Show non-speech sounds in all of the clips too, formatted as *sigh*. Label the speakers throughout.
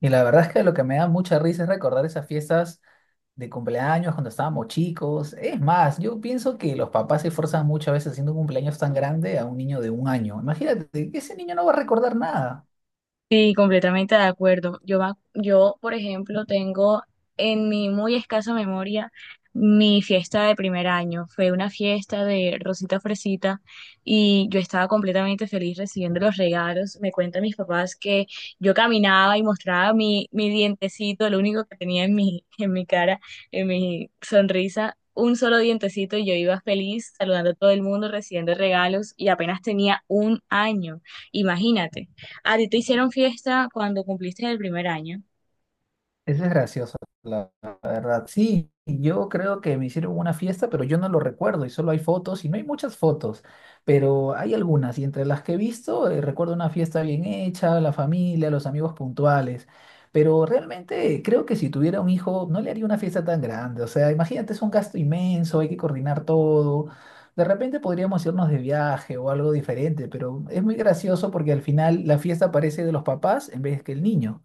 Speaker 1: Y la verdad es que lo que me da mucha risa es recordar esas fiestas de cumpleaños cuando estábamos chicos. Es más, yo pienso que los papás se esforzan muchas veces haciendo un cumpleaños tan grande a un niño de un año. Imagínate, ese niño no va a recordar nada.
Speaker 2: Sí, completamente de acuerdo. Yo, por ejemplo, tengo en mi muy escasa memoria mi fiesta de primer año. Fue una fiesta de Rosita Fresita y yo estaba completamente feliz recibiendo los regalos. Me cuentan mis papás que yo caminaba y mostraba mi dientecito, lo único que tenía en mi cara, en mi sonrisa. Un solo dientecito y yo iba feliz saludando a todo el mundo, recibiendo regalos y apenas tenía un año. Imagínate. ¿A ti te hicieron fiesta cuando cumpliste el primer año?
Speaker 1: Eso es gracioso, la verdad. Sí, yo creo que me hicieron una fiesta, pero yo no lo recuerdo y solo hay fotos y no hay muchas fotos, pero hay algunas y entre las que he visto recuerdo una fiesta bien hecha, la familia, los amigos puntuales, pero realmente creo que si tuviera un hijo no le haría una fiesta tan grande, o sea, imagínate, es un gasto inmenso, hay que coordinar todo. De repente podríamos irnos de viaje o algo diferente, pero es muy gracioso porque al final la fiesta parece de los papás en vez que el niño.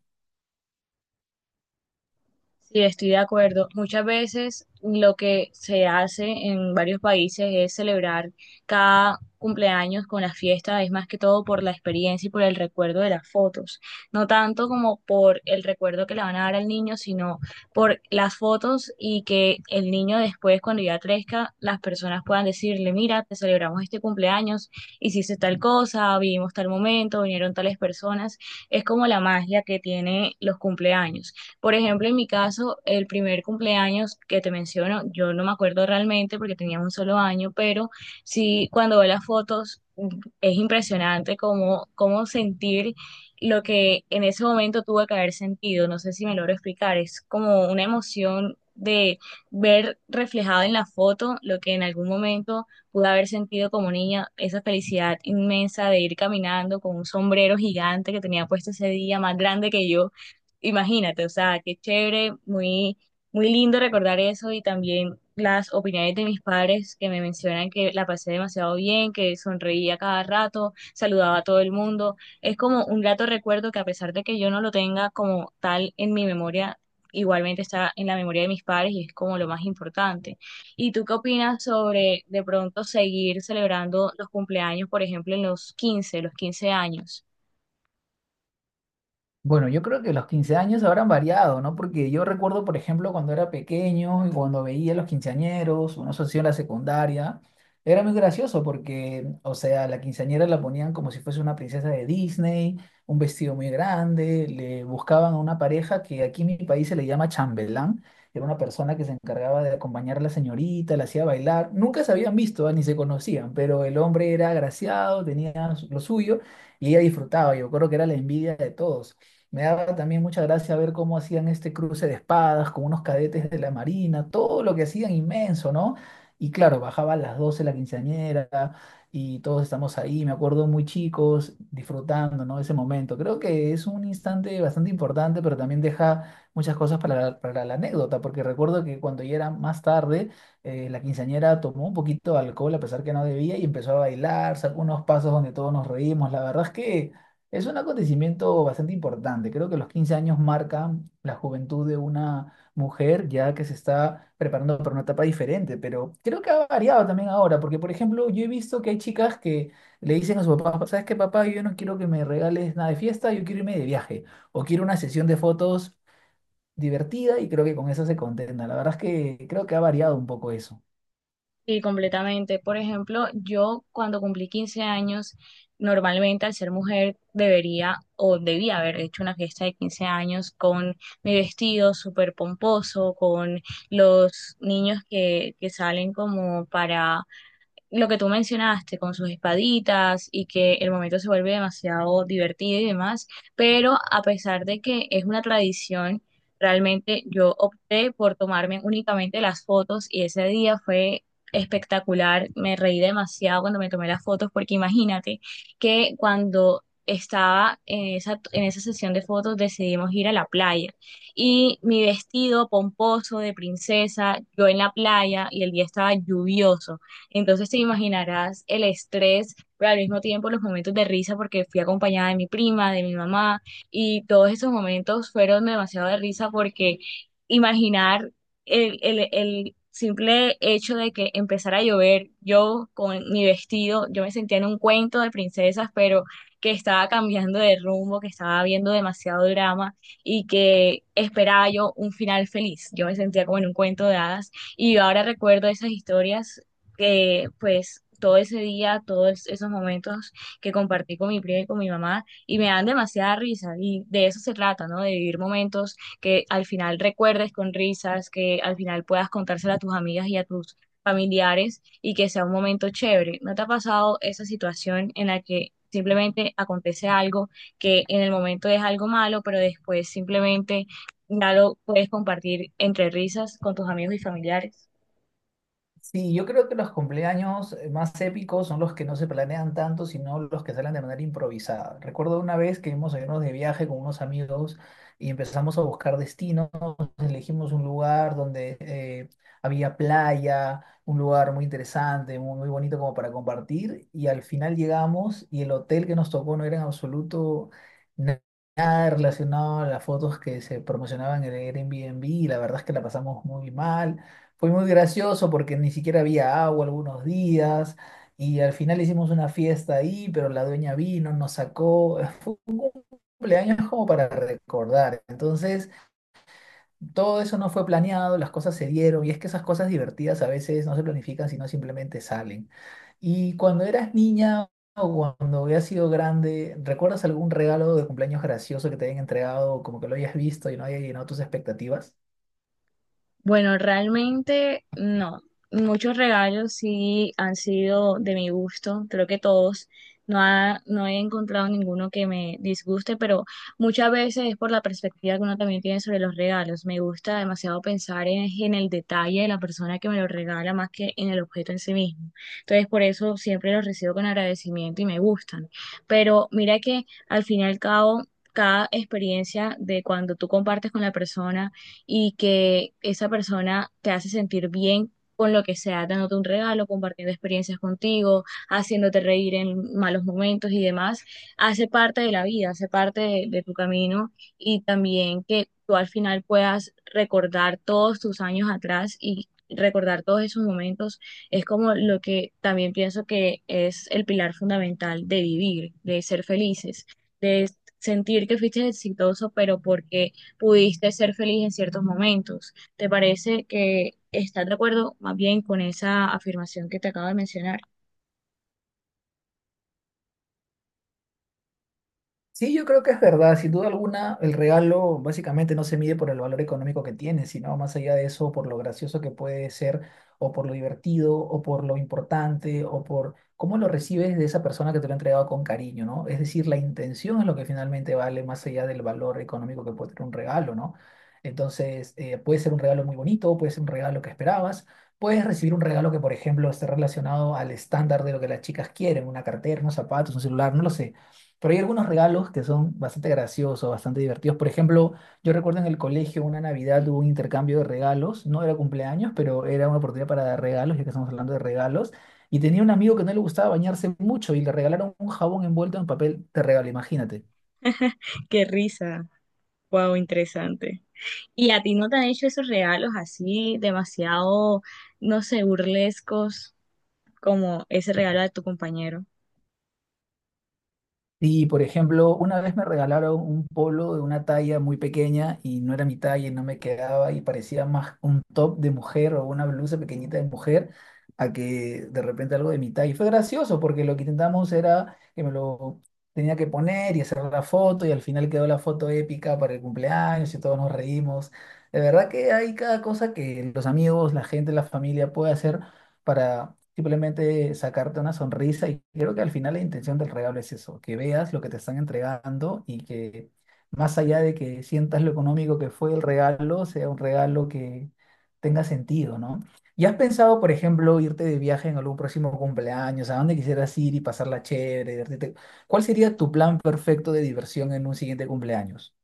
Speaker 2: Sí, estoy de acuerdo. Muchas veces lo que se hace en varios países es celebrar cada cumpleaños con la fiesta, es más que todo por la experiencia y por el recuerdo de las fotos, no tanto como por el recuerdo que le van a dar al niño, sino por las fotos y que el niño después, cuando ya crezca, las personas puedan decirle, mira, te celebramos este cumpleaños, hiciste tal cosa, vivimos tal momento, vinieron tales personas. Es como la magia que tiene los cumpleaños. Por ejemplo, en mi caso, el primer cumpleaños que te menciono, yo no me acuerdo realmente porque tenía un solo año, pero sí, cuando veo las fotos, es impresionante cómo sentir lo que en ese momento tuve que haber sentido. No sé si me logro explicar, es como una emoción de ver reflejado en la foto lo que en algún momento pude haber sentido como niña, esa felicidad inmensa de ir caminando con un sombrero gigante que tenía puesto ese día, más grande que yo. Imagínate, o sea, qué chévere, muy, muy lindo recordar eso y también las opiniones de mis padres que me mencionan que la pasé demasiado bien, que sonreía cada rato, saludaba a todo el mundo. Es como un grato recuerdo que a pesar de que yo no lo tenga como tal en mi memoria, igualmente está en la memoria de mis padres y es como lo más importante. ¿Y tú qué opinas sobre de pronto seguir celebrando los cumpleaños, por ejemplo, en los quince años?
Speaker 1: Bueno, yo creo que los 15 años habrán variado, ¿no? Porque yo recuerdo, por ejemplo, cuando era pequeño y cuando veía a los quinceañeros, una socio en la secundaria, era muy gracioso porque, o sea, la quinceañera la ponían como si fuese una princesa de Disney, un vestido muy grande, le buscaban a una pareja que aquí en mi país se le llama chambelán, era una persona que se encargaba de acompañar a la señorita, la hacía bailar, nunca se habían visto, ¿eh? Ni se conocían, pero el hombre era agraciado, tenía lo suyo y ella disfrutaba, yo creo que era la envidia de todos. Me daba también mucha gracia ver cómo hacían este cruce de espadas con unos cadetes de la Marina, todo lo que hacían inmenso, ¿no? Y claro, bajaba a las 12 la quinceañera y todos estamos ahí, me acuerdo muy chicos, disfrutando, ¿no? Ese momento. Creo que es un instante bastante importante, pero también deja muchas cosas para la anécdota, porque recuerdo que cuando ya era más tarde, la quinceañera tomó un poquito de alcohol a pesar que no debía y empezó a bailar, sacó unos pasos donde todos nos reímos. La verdad es que es un acontecimiento bastante importante. Creo que los 15 años marcan la juventud de una mujer ya que se está preparando para una etapa diferente, pero creo que ha variado también ahora, porque por ejemplo yo he visto que hay chicas que le dicen a su papá, ¿sabes qué, papá? Yo no quiero que me regales nada de fiesta, yo quiero irme de viaje o quiero una sesión de fotos divertida y creo que con eso se contenta. La verdad es que creo que ha variado un poco eso.
Speaker 2: Sí, completamente. Por ejemplo, yo cuando cumplí 15 años, normalmente al ser mujer debería o debía haber hecho una fiesta de 15 años con mi vestido súper pomposo, con los niños que salen como para lo que tú mencionaste con sus espaditas y que el momento se vuelve demasiado divertido y demás, pero a pesar de que es una tradición, realmente yo opté por tomarme únicamente las fotos y ese día fue espectacular, me reí demasiado cuando me tomé las fotos porque imagínate que cuando estaba en esa sesión de fotos decidimos ir a la playa y mi vestido pomposo de princesa, yo en la playa y el día estaba lluvioso. Entonces te imaginarás el estrés, pero al mismo tiempo los momentos de risa porque fui acompañada de mi prima, de mi mamá, y todos esos momentos fueron demasiado de risa porque imaginar el simple hecho de que empezara a llover, yo con mi vestido, yo me sentía en un cuento de princesas, pero que estaba cambiando de rumbo, que estaba viendo demasiado drama y que esperaba yo un final feliz. Yo me sentía como en un cuento de hadas y ahora recuerdo esas historias que pues todo ese día, todos esos momentos que compartí con mi prima y con mi mamá, y me dan demasiada risa, y de eso se trata, ¿no? De vivir momentos que al final recuerdes con risas, que al final puedas contárselo a tus amigas y a tus familiares, y que sea un momento chévere. ¿No te ha pasado esa situación en la que simplemente acontece algo que en el momento es algo malo, pero después simplemente ya lo puedes compartir entre risas con tus amigos y familiares?
Speaker 1: Sí, yo creo que los cumpleaños más épicos son los que no se planean tanto, sino los que salen de manera improvisada. Recuerdo una vez que íbamos a irnos de viaje con unos amigos y empezamos a buscar destinos, elegimos un lugar donde había playa, un lugar muy interesante, muy, muy bonito como para compartir, y al final llegamos y el hotel que nos tocó no era en absoluto na- nada relacionado a las fotos que se promocionaban en el Airbnb, y la verdad es que la pasamos muy mal. Fue muy gracioso porque ni siquiera había agua algunos días y al final hicimos una fiesta ahí, pero la dueña vino, nos sacó. *laughs* Fue un cumpleaños como para recordar. Entonces, todo eso no fue planeado, las cosas se dieron y es que esas cosas divertidas a veces no se planifican, sino simplemente salen. Y cuando eras niña o cuando habías sido grande, ¿recuerdas algún regalo de cumpleaños gracioso que te hayan entregado, como que lo hayas visto y no haya llenado tus expectativas?
Speaker 2: Bueno, realmente no. Muchos regalos sí han sido de mi gusto, creo que todos. No, no he encontrado ninguno que me disguste, pero muchas veces es por la perspectiva que uno también tiene sobre los regalos. Me gusta demasiado pensar en el detalle de la persona que me lo regala más que en el objeto en sí mismo. Entonces, por eso siempre los recibo con agradecimiento y me gustan. Pero mira que al fin y al cabo, cada experiencia de cuando tú compartes con la persona, y que esa persona te hace sentir bien con lo que sea, dándote un regalo, compartiendo experiencias contigo, haciéndote reír en malos momentos y demás, hace parte de la vida, hace parte de tu camino y también que tú al final puedas recordar todos tus años atrás y recordar todos esos momentos es como lo que también pienso que es el pilar fundamental de vivir, de ser felices, de sentir que fuiste exitoso, pero porque pudiste ser feliz en ciertos momentos. ¿Te parece que estás de acuerdo más bien con esa afirmación que te acabo de mencionar?
Speaker 1: Sí, yo creo que es verdad. Sin duda alguna, el regalo básicamente no se mide por el valor económico que tiene, sino más allá de eso, por lo gracioso que puede ser, o por lo divertido, o por lo importante, o por cómo lo recibes de esa persona que te lo ha entregado con cariño, ¿no? Es decir, la intención es lo que finalmente vale más allá del valor económico que puede tener un regalo, ¿no? Entonces, puede ser un regalo muy bonito, puede ser un regalo que esperabas. Puedes recibir un regalo que, por ejemplo, esté relacionado al estándar de lo que las chicas quieren, una cartera, unos zapatos, un celular, no lo sé. Pero hay algunos regalos que son bastante graciosos, bastante divertidos. Por ejemplo, yo recuerdo en el colegio una Navidad hubo un intercambio de regalos. No era cumpleaños, pero era una oportunidad para dar regalos, ya que estamos hablando de regalos. Y tenía un amigo que no le gustaba bañarse mucho y le regalaron un jabón envuelto en papel de regalo, imagínate.
Speaker 2: Qué risa. Wow, interesante. ¿Y a ti no te han hecho esos regalos así demasiado, no sé, burlescos como ese regalo de tu compañero?
Speaker 1: Y, por ejemplo, una vez me regalaron un polo de una talla muy pequeña y no era mi talla y no me quedaba y parecía más un top de mujer o una blusa pequeñita de mujer a que de repente algo de mi talla. Y fue gracioso porque lo que intentamos era que me lo tenía que poner y hacer la foto y al final quedó la foto épica para el cumpleaños y todos nos reímos. De verdad que hay cada cosa que los amigos, la gente, la familia puede hacer para simplemente sacarte una sonrisa. Y creo que al final la intención del regalo es eso, que veas lo que te están entregando y que más allá de que sientas lo económico que fue el regalo, sea un regalo que tenga sentido, ¿no? ¿Y has pensado, por ejemplo, irte de viaje en algún próximo cumpleaños? ¿A dónde quisieras ir y pasarla chévere, divertirte? ¿Cuál sería tu plan perfecto de diversión en un siguiente cumpleaños?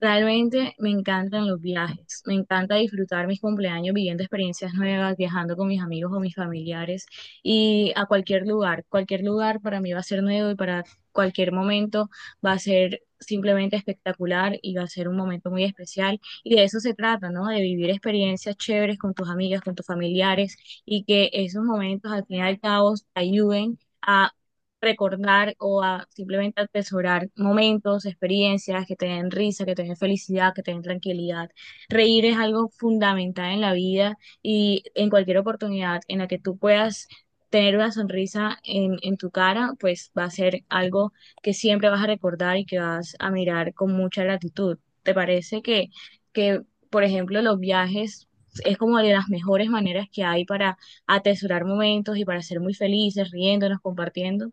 Speaker 2: Realmente me encantan los viajes, me encanta disfrutar mis cumpleaños viviendo experiencias nuevas, viajando con mis amigos o mis familiares y a cualquier lugar. Cualquier lugar para mí va a ser nuevo y para cualquier momento va a ser simplemente espectacular y va a ser un momento muy especial. Y de eso se trata, ¿no? De vivir experiencias chéveres con tus amigas, con tus familiares y que esos momentos al fin y al cabo te ayuden a recordar o a simplemente atesorar momentos, experiencias que te den risa, que te den felicidad, que te den tranquilidad. Reír es algo fundamental en la vida y en cualquier oportunidad en la que tú puedas tener una sonrisa en tu cara, pues va a ser algo que siempre vas a recordar y que vas a mirar con mucha gratitud. ¿Te parece que, por ejemplo, los viajes es como de las mejores maneras que hay para atesorar momentos y para ser muy felices, riéndonos, compartiendo?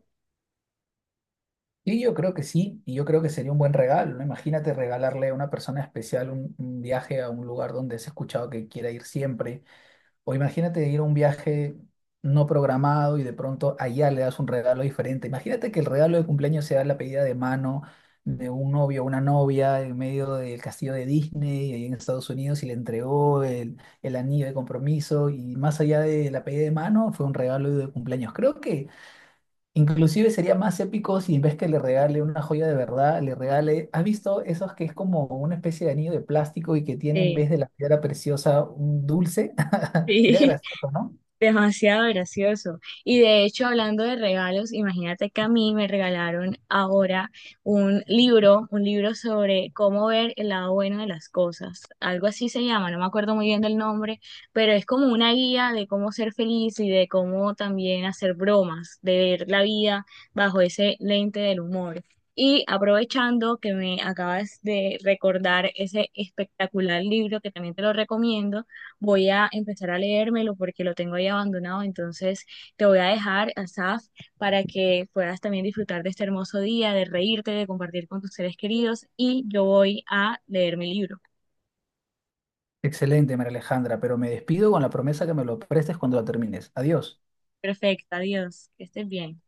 Speaker 1: Sí, yo creo que sí, y yo creo que sería un buen regalo, ¿no? Imagínate regalarle a una persona especial un viaje a un lugar donde has escuchado que quiera ir siempre, o imagínate ir a un viaje no programado y de pronto allá le das un regalo diferente. Imagínate que el regalo de cumpleaños sea la pedida de mano de un novio o una novia en medio del castillo de Disney ahí en Estados Unidos y le entregó el anillo de compromiso y más allá de la pedida de mano fue un regalo de cumpleaños. Creo que... Inclusive sería más épico si en vez que le regale una joya de verdad, le regale, ¿has visto esos que es como una especie de anillo de plástico y que tiene en
Speaker 2: Sí,
Speaker 1: vez de la piedra preciosa un dulce? *laughs* Sería
Speaker 2: sí,
Speaker 1: gracioso, ¿no?
Speaker 2: *laughs* demasiado gracioso. Y de hecho, hablando de regalos, imagínate que a mí me regalaron ahora un libro sobre cómo ver el lado bueno de las cosas. Algo así se llama, no me acuerdo muy bien del nombre, pero es como una guía de cómo ser feliz y de cómo también hacer bromas, de ver la vida bajo ese lente del humor. Y aprovechando que me acabas de recordar ese espectacular libro que también te lo recomiendo, voy a empezar a leérmelo porque lo tengo ahí abandonado. Entonces te voy a dejar, Asaf, para que puedas también disfrutar de este hermoso día, de reírte, de compartir con tus seres queridos y yo voy a leer mi libro.
Speaker 1: Excelente, María Alejandra, pero me despido con la promesa que me lo prestes cuando lo termines. Adiós.
Speaker 2: Perfecto, adiós, que estés bien.